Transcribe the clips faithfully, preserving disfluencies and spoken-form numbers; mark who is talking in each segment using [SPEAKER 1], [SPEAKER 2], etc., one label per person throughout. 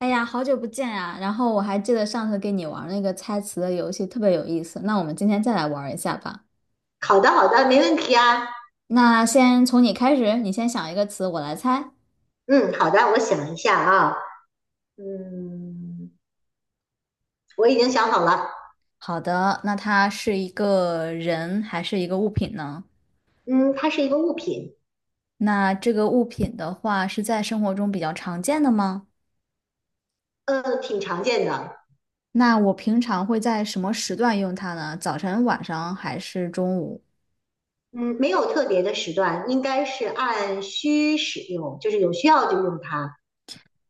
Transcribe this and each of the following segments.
[SPEAKER 1] 哎呀，好久不见呀！然后我还记得上次跟你玩那个猜词的游戏，特别有意思。那我们今天再来玩一下吧。
[SPEAKER 2] 好的，好的，没问题啊。
[SPEAKER 1] 那先从你开始，你先想一个词，我来猜。
[SPEAKER 2] 嗯，好的，我想一下啊。嗯，我已经想好了。
[SPEAKER 1] 好的，那它是一个人还是一个物品呢？
[SPEAKER 2] 嗯，它是一个物品，
[SPEAKER 1] 那这个物品的话是在生活中比较常见的吗？
[SPEAKER 2] 呃，挺常见的。
[SPEAKER 1] 那我平常会在什么时段用它呢？早晨、晚上还是中午？
[SPEAKER 2] 嗯，没有特别的时段，应该是按需使用，就是有需要就用它。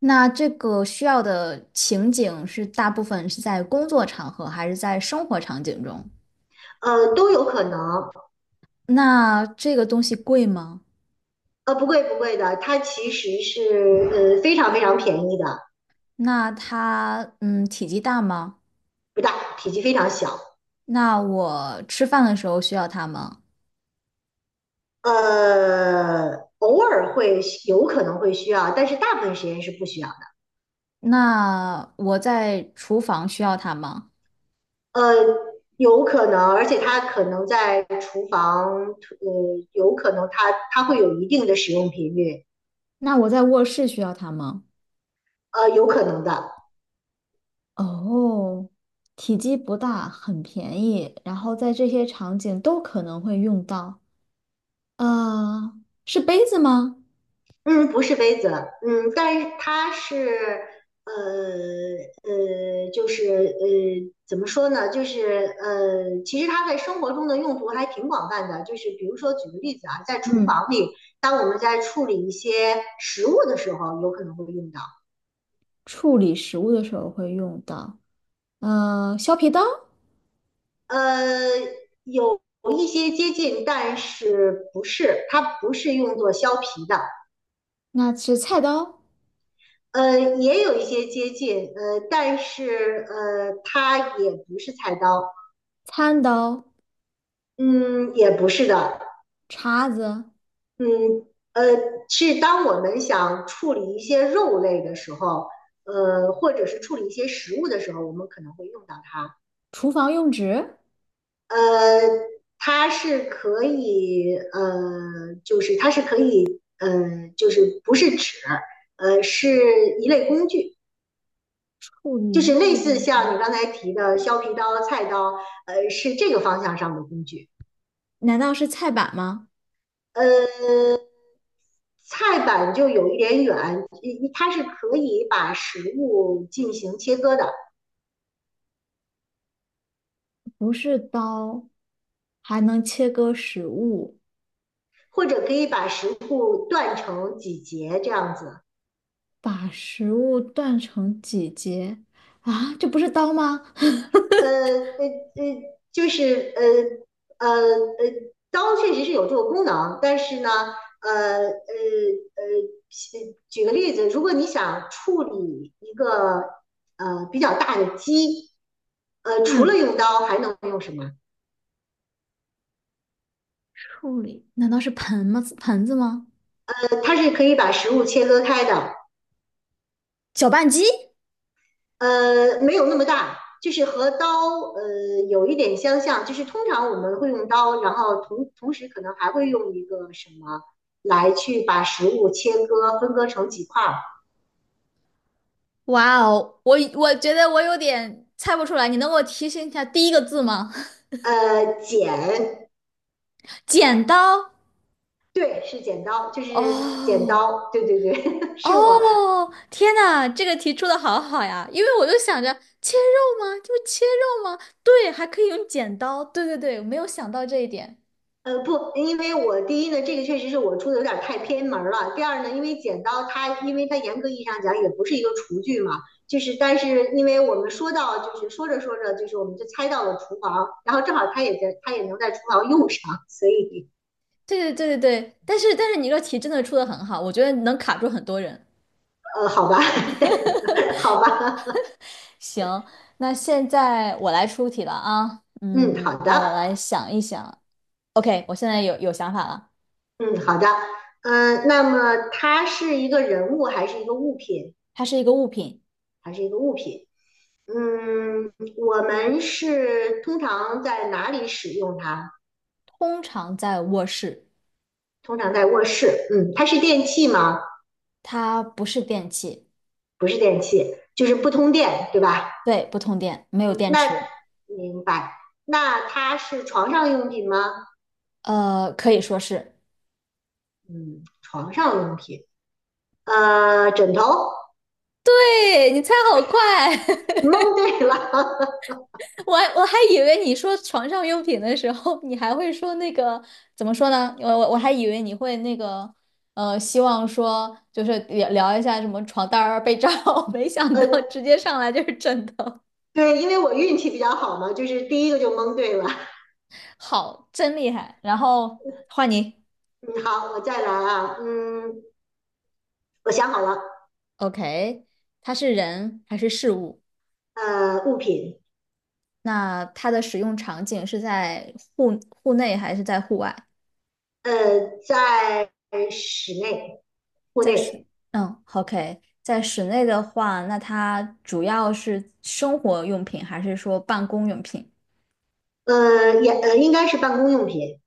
[SPEAKER 1] 那这个需要的情景是大部分是在工作场合还是在生活场景中？
[SPEAKER 2] 呃，都有可能。
[SPEAKER 1] 那这个东西贵吗？
[SPEAKER 2] 呃，不贵不贵的，它其实是呃非常非常便宜的，
[SPEAKER 1] 那它嗯体积大吗？
[SPEAKER 2] 不大，体积非常小。
[SPEAKER 1] 那我吃饭的时候需要它吗？
[SPEAKER 2] 呃，偶尔会有可能会需要，但是大部分时间是不需要。
[SPEAKER 1] 那我在厨房需要它吗？
[SPEAKER 2] 呃，有可能，而且它可能在厨房，呃，有可能它它会有一定的使用频率，
[SPEAKER 1] 那我在卧室需要它吗？
[SPEAKER 2] 呃，有可能的。
[SPEAKER 1] 哦，体积不大，很便宜，然后在这些场景都可能会用到。呃，是杯子吗？
[SPEAKER 2] 嗯，不是杯子，嗯，但是它是，呃呃，就是呃，怎么说呢？就是呃，其实它在生活中的用途还挺广泛的。就是比如说，举个例子啊，在厨
[SPEAKER 1] 嗯，
[SPEAKER 2] 房里，当我们在处理一些食物的时候，有可能会用到。
[SPEAKER 1] 处理食物的时候会用到。呃，削皮刀，
[SPEAKER 2] 呃，有一些接近，但是不是，它不是用作削皮的。
[SPEAKER 1] 那是菜刀、
[SPEAKER 2] 呃，也有一些接近，呃，但是呃，它也不是菜刀，
[SPEAKER 1] 餐刀、
[SPEAKER 2] 嗯，也不是的，
[SPEAKER 1] 叉子。
[SPEAKER 2] 嗯，呃，是当我们想处理一些肉类的时候，呃，或者是处理一些食物的时候，我们可能会用到它。
[SPEAKER 1] 厨房用纸？
[SPEAKER 2] 呃，它是可以，呃，就是它是可以，呃，就是不是纸，呃，是一类工具，
[SPEAKER 1] 处
[SPEAKER 2] 就
[SPEAKER 1] 理
[SPEAKER 2] 是类
[SPEAKER 1] 肉
[SPEAKER 2] 似
[SPEAKER 1] 的时候，
[SPEAKER 2] 像你刚才提的削皮刀、菜刀，呃，是这个方向上的工具。
[SPEAKER 1] 难道是菜板吗？
[SPEAKER 2] 呃，菜板就有一点远，一它是可以把食物进行切割的，
[SPEAKER 1] 不是刀，还能切割食物，
[SPEAKER 2] 或者可以把食物断成几节这样子。
[SPEAKER 1] 把食物断成几节啊？这不是刀吗？
[SPEAKER 2] 呃呃呃，就是呃呃呃，刀确实是有这个功能，但是呢，呃呃呃，举个例子，如果你想处理一个呃比较大的鸡，呃，除
[SPEAKER 1] 嗯，
[SPEAKER 2] 了用刀还能用什么？
[SPEAKER 1] 处理，难道是盆吗？盆子吗？
[SPEAKER 2] 呃，它是可以把食物切割开的。
[SPEAKER 1] 搅拌机？
[SPEAKER 2] 呃，没有那么大，就是和刀呃有一点相像，就是通常我们会用刀，然后同同时可能还会用一个什么来去把食物切割分割成几块儿。
[SPEAKER 1] 哇哦，我我觉得我有点猜不出来，你能给我提醒一下第一个字吗？
[SPEAKER 2] 呃，剪，
[SPEAKER 1] 剪刀。
[SPEAKER 2] 对，是剪刀，就是剪
[SPEAKER 1] 哦，
[SPEAKER 2] 刀，对对对，是我
[SPEAKER 1] 哦，天呐，这个题出的好好呀！因为我就想着切肉吗？就是切肉吗？对，还可以用剪刀。对对对，我没有想到这一点。
[SPEAKER 2] 呃，不，因为我第一呢，这个确实是我出的有点太偏门了。第二呢，因为剪刀它，因为它严格意义上讲也不是一个厨具嘛，就是但是因为我们说到，就是说着说着，就是我们就猜到了厨房，然后正好它也在，它也能在厨房用上，所以
[SPEAKER 1] 对对对对对，但是但是你这个题真的出的很好，我觉得能卡住很多人。
[SPEAKER 2] 呃，好吧，好吧，
[SPEAKER 1] 行，那现在我来出题了啊。
[SPEAKER 2] 嗯，好
[SPEAKER 1] 嗯，
[SPEAKER 2] 的，
[SPEAKER 1] 让我来想一想。OK，我现在有有想法了。
[SPEAKER 2] 嗯，好的，嗯、呃那么它是一个人物还是一个物品？
[SPEAKER 1] 它是一个物品，
[SPEAKER 2] 还是一个物品？嗯，我们是通常在哪里使用它？
[SPEAKER 1] 通常在卧室，
[SPEAKER 2] 通常在卧室。嗯，它是电器吗？
[SPEAKER 1] 它不是电器，
[SPEAKER 2] 不是电器，就是不通电，对吧？
[SPEAKER 1] 对，不通电，没有
[SPEAKER 2] 嗯，
[SPEAKER 1] 电
[SPEAKER 2] 那
[SPEAKER 1] 池，
[SPEAKER 2] 明白。那它是床上用品吗？
[SPEAKER 1] 呃，可以说是。
[SPEAKER 2] 嗯，床上用品。呃，枕头。
[SPEAKER 1] 对，你猜好快！
[SPEAKER 2] 蒙对了，
[SPEAKER 1] 我还我还以为你说床上用品的时候，你还会说那个怎么说呢？我我我还以为你会那个呃，希望说就是聊聊一下什么床单儿啊、被罩啊，没想
[SPEAKER 2] 呃，
[SPEAKER 1] 到直接上来就是枕头，
[SPEAKER 2] 对，因为我运气比较好嘛，就是第一个就蒙对了。
[SPEAKER 1] 好，真厉害！然后换你
[SPEAKER 2] 嗯，好，我再来啊。嗯，我想好了。
[SPEAKER 1] ，OK，它是人还是事物？
[SPEAKER 2] 呃，物品。
[SPEAKER 1] 那它的使用场景是在户户内还是在户外？
[SPEAKER 2] 呃，在室内、户
[SPEAKER 1] 在室，
[SPEAKER 2] 内。
[SPEAKER 1] 嗯，OK，在室内的话，那它主要是生活用品还是说办公用品？
[SPEAKER 2] 呃，也呃，应该是办公用品。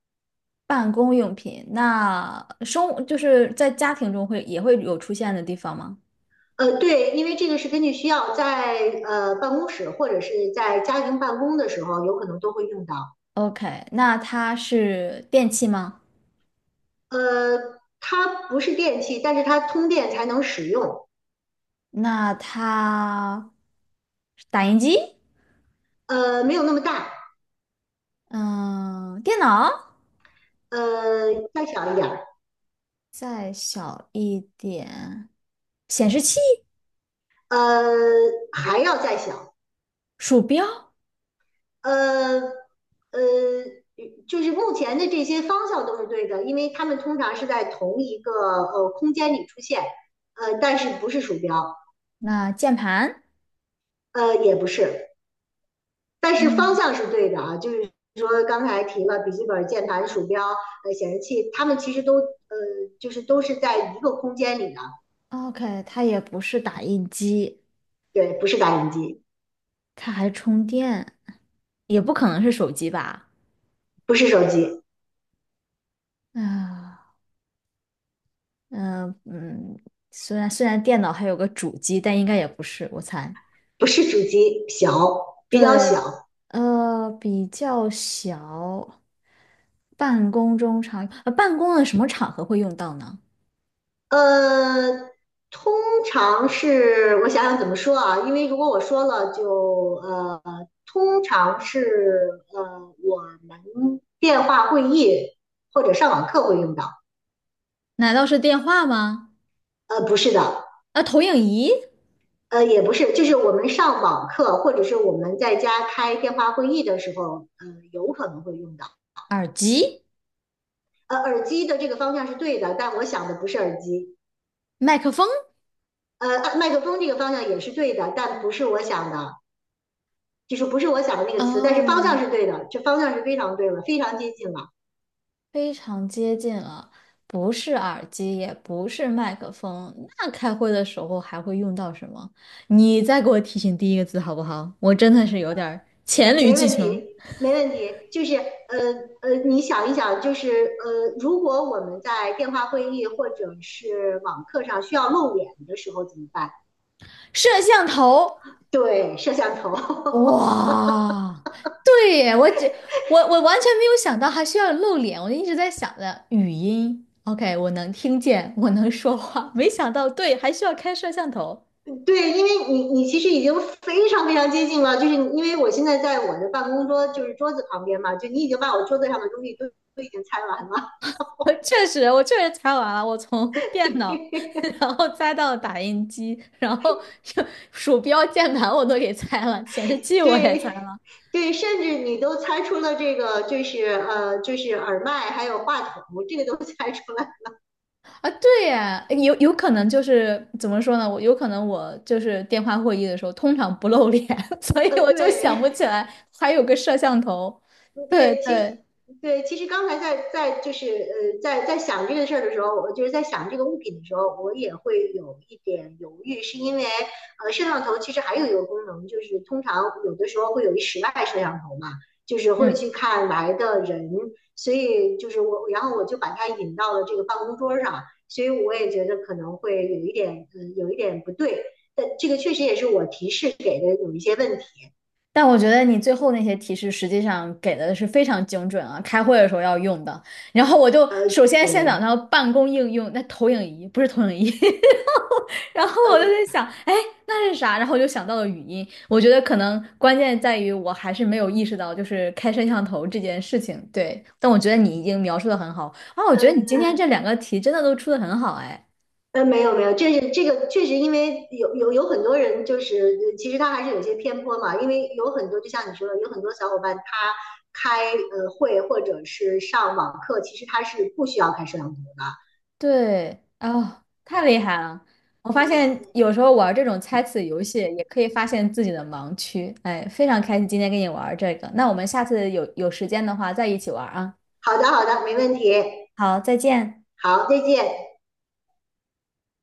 [SPEAKER 1] 办公用品，那生就是在家庭中会也会有出现的地方吗
[SPEAKER 2] 呃，对，因为这个是根据需要，在呃办公室或者是在家庭办公的时候，有可能都会用到。
[SPEAKER 1] ？OK，那它是电器吗？
[SPEAKER 2] 呃，它不是电器，但是它通电才能使用。
[SPEAKER 1] 那它是打印机？
[SPEAKER 2] 呃，没有那么大，
[SPEAKER 1] 嗯，电脑？
[SPEAKER 2] 呃，再小一点儿，
[SPEAKER 1] 再小一点，显示器、
[SPEAKER 2] 呃，还要再小，
[SPEAKER 1] 鼠标，
[SPEAKER 2] 呃呃，就是目前的这些方向都是对的，因为它们通常是在同一个呃空间里出现，呃，但是不是鼠标，
[SPEAKER 1] 那键盘？
[SPEAKER 2] 呃，也不是。但是方
[SPEAKER 1] 嗯。
[SPEAKER 2] 向是对的啊，就是说刚才提了笔记本、键盘、鼠标、呃显示器，它们其实都呃就是都是在一个空间里的，
[SPEAKER 1] OK，它也不是打印机，
[SPEAKER 2] 对，不是打印机，
[SPEAKER 1] 它还充电也不可能是手机吧？
[SPEAKER 2] 不是手机，
[SPEAKER 1] 啊，嗯、嗯，虽然虽然电脑还有个主机，但应该也不是，我猜。
[SPEAKER 2] 不是主机，小，比较
[SPEAKER 1] 对，
[SPEAKER 2] 小，
[SPEAKER 1] 呃，比较小，办公中常，呃，办公的什么场合会用到呢？
[SPEAKER 2] 呃。通常是我想想怎么说啊，因为如果我说了就呃，通常是呃我们电话会议或者上网课会用到，
[SPEAKER 1] 难道是电话吗？
[SPEAKER 2] 呃不是的，
[SPEAKER 1] 啊，投影仪、
[SPEAKER 2] 呃，也不是，就是我们上网课或者是我们在家开电话会议的时候，呃，有可能会用到。
[SPEAKER 1] 耳机、
[SPEAKER 2] 呃，耳机的这个方向是对的，但我想的不是耳机。
[SPEAKER 1] 麦克风？
[SPEAKER 2] 呃，麦克风这个方向也是对的，但不是我想的，就是不是我想的那个词，但是方向
[SPEAKER 1] 哦，
[SPEAKER 2] 是对的，这方向是非常对了，非常接近了，
[SPEAKER 1] 非常接近了，不是耳机，也不是麦克风，那开会的时候还会用到什么？你再给我提醒第一个字好不好？我真的是有点儿黔驴
[SPEAKER 2] 没
[SPEAKER 1] 技
[SPEAKER 2] 问题，
[SPEAKER 1] 穷。
[SPEAKER 2] 没问题。就是呃呃，你想一想，就是呃，如果我们在电话会议或者是网课上需要露脸的时候怎么办？
[SPEAKER 1] 摄像头，
[SPEAKER 2] 对，摄像头。
[SPEAKER 1] 哇，对耶，我只我我完全没有想到还需要露脸，我就一直在想着语音，OK，我能听见，我能说话，没想到对，还需要开摄像头。
[SPEAKER 2] 对，因为你你其实已经非常非常接近了，就是因为我现在在我的办公桌就是桌子旁边嘛，就你已经把我桌子上的东西都都已经猜完了，
[SPEAKER 1] 我确实，我确实猜完了，我从 电脑，
[SPEAKER 2] 对
[SPEAKER 1] 然后猜到打印机，然后就鼠标、键盘我都给拆了，显示器我也拆
[SPEAKER 2] 对
[SPEAKER 1] 了
[SPEAKER 2] 对，甚至你都猜出了这个就是呃就是耳麦还有话筒，这个都 猜出来，
[SPEAKER 1] 啊，对呀，有有可能就是怎么说呢？我有可能我就是电话会议的时候通常不露脸，所以
[SPEAKER 2] 呃
[SPEAKER 1] 我就想
[SPEAKER 2] 对
[SPEAKER 1] 不起来还有个摄像头。
[SPEAKER 2] 嗯
[SPEAKER 1] 对
[SPEAKER 2] 对，其实
[SPEAKER 1] 对，
[SPEAKER 2] 对，其实刚才在在就是呃，在在想这个事儿的时候，我就是在想这个物品的时候，我也会有一点犹豫，是因为呃，摄像头其实还有一个功能，就是通常有的时候会有一室外摄像头嘛，就是会
[SPEAKER 1] 嗯。
[SPEAKER 2] 去看来的人，所以就是我，然后我就把它引到了这个办公桌上，所以我也觉得可能会有一点呃，有一点不对，但这个确实也是我提示给的有一些问题，
[SPEAKER 1] 但我觉得你最后那些提示实际上给的是非常精准啊，开会的时候要用的。然后我就
[SPEAKER 2] 呃，
[SPEAKER 1] 首先先想
[SPEAKER 2] 对，
[SPEAKER 1] 到办公应用，那投影仪不是投影仪，然后
[SPEAKER 2] 呃，
[SPEAKER 1] 我就在
[SPEAKER 2] 嗯、
[SPEAKER 1] 想，哎，那是啥？然后我就想到了语音。我觉得可能关键在于我还是没有意识到，就是开摄像头这件事情。对，但我觉得你已经描述的很好啊，我
[SPEAKER 2] 呃
[SPEAKER 1] 觉得你今天
[SPEAKER 2] 嗯
[SPEAKER 1] 这两个题真的都出的很好，哎。
[SPEAKER 2] 呃，没有没有，这是这个确实，因为有有有很多人就是呃其实他还是有些偏颇嘛，因为有很多就像你说的，有很多小伙伴他开呃会或者是上网课，其实他是不需要开摄像头的。
[SPEAKER 1] 对，啊，太厉害了！我发现有时候玩这种猜词游戏也可以发现自己的盲区，哎，非常开心今天跟你玩这个。那我们下次有有时间的话再一起玩啊。
[SPEAKER 2] 好的好的，没问题，
[SPEAKER 1] 好，再见。
[SPEAKER 2] 好，再见。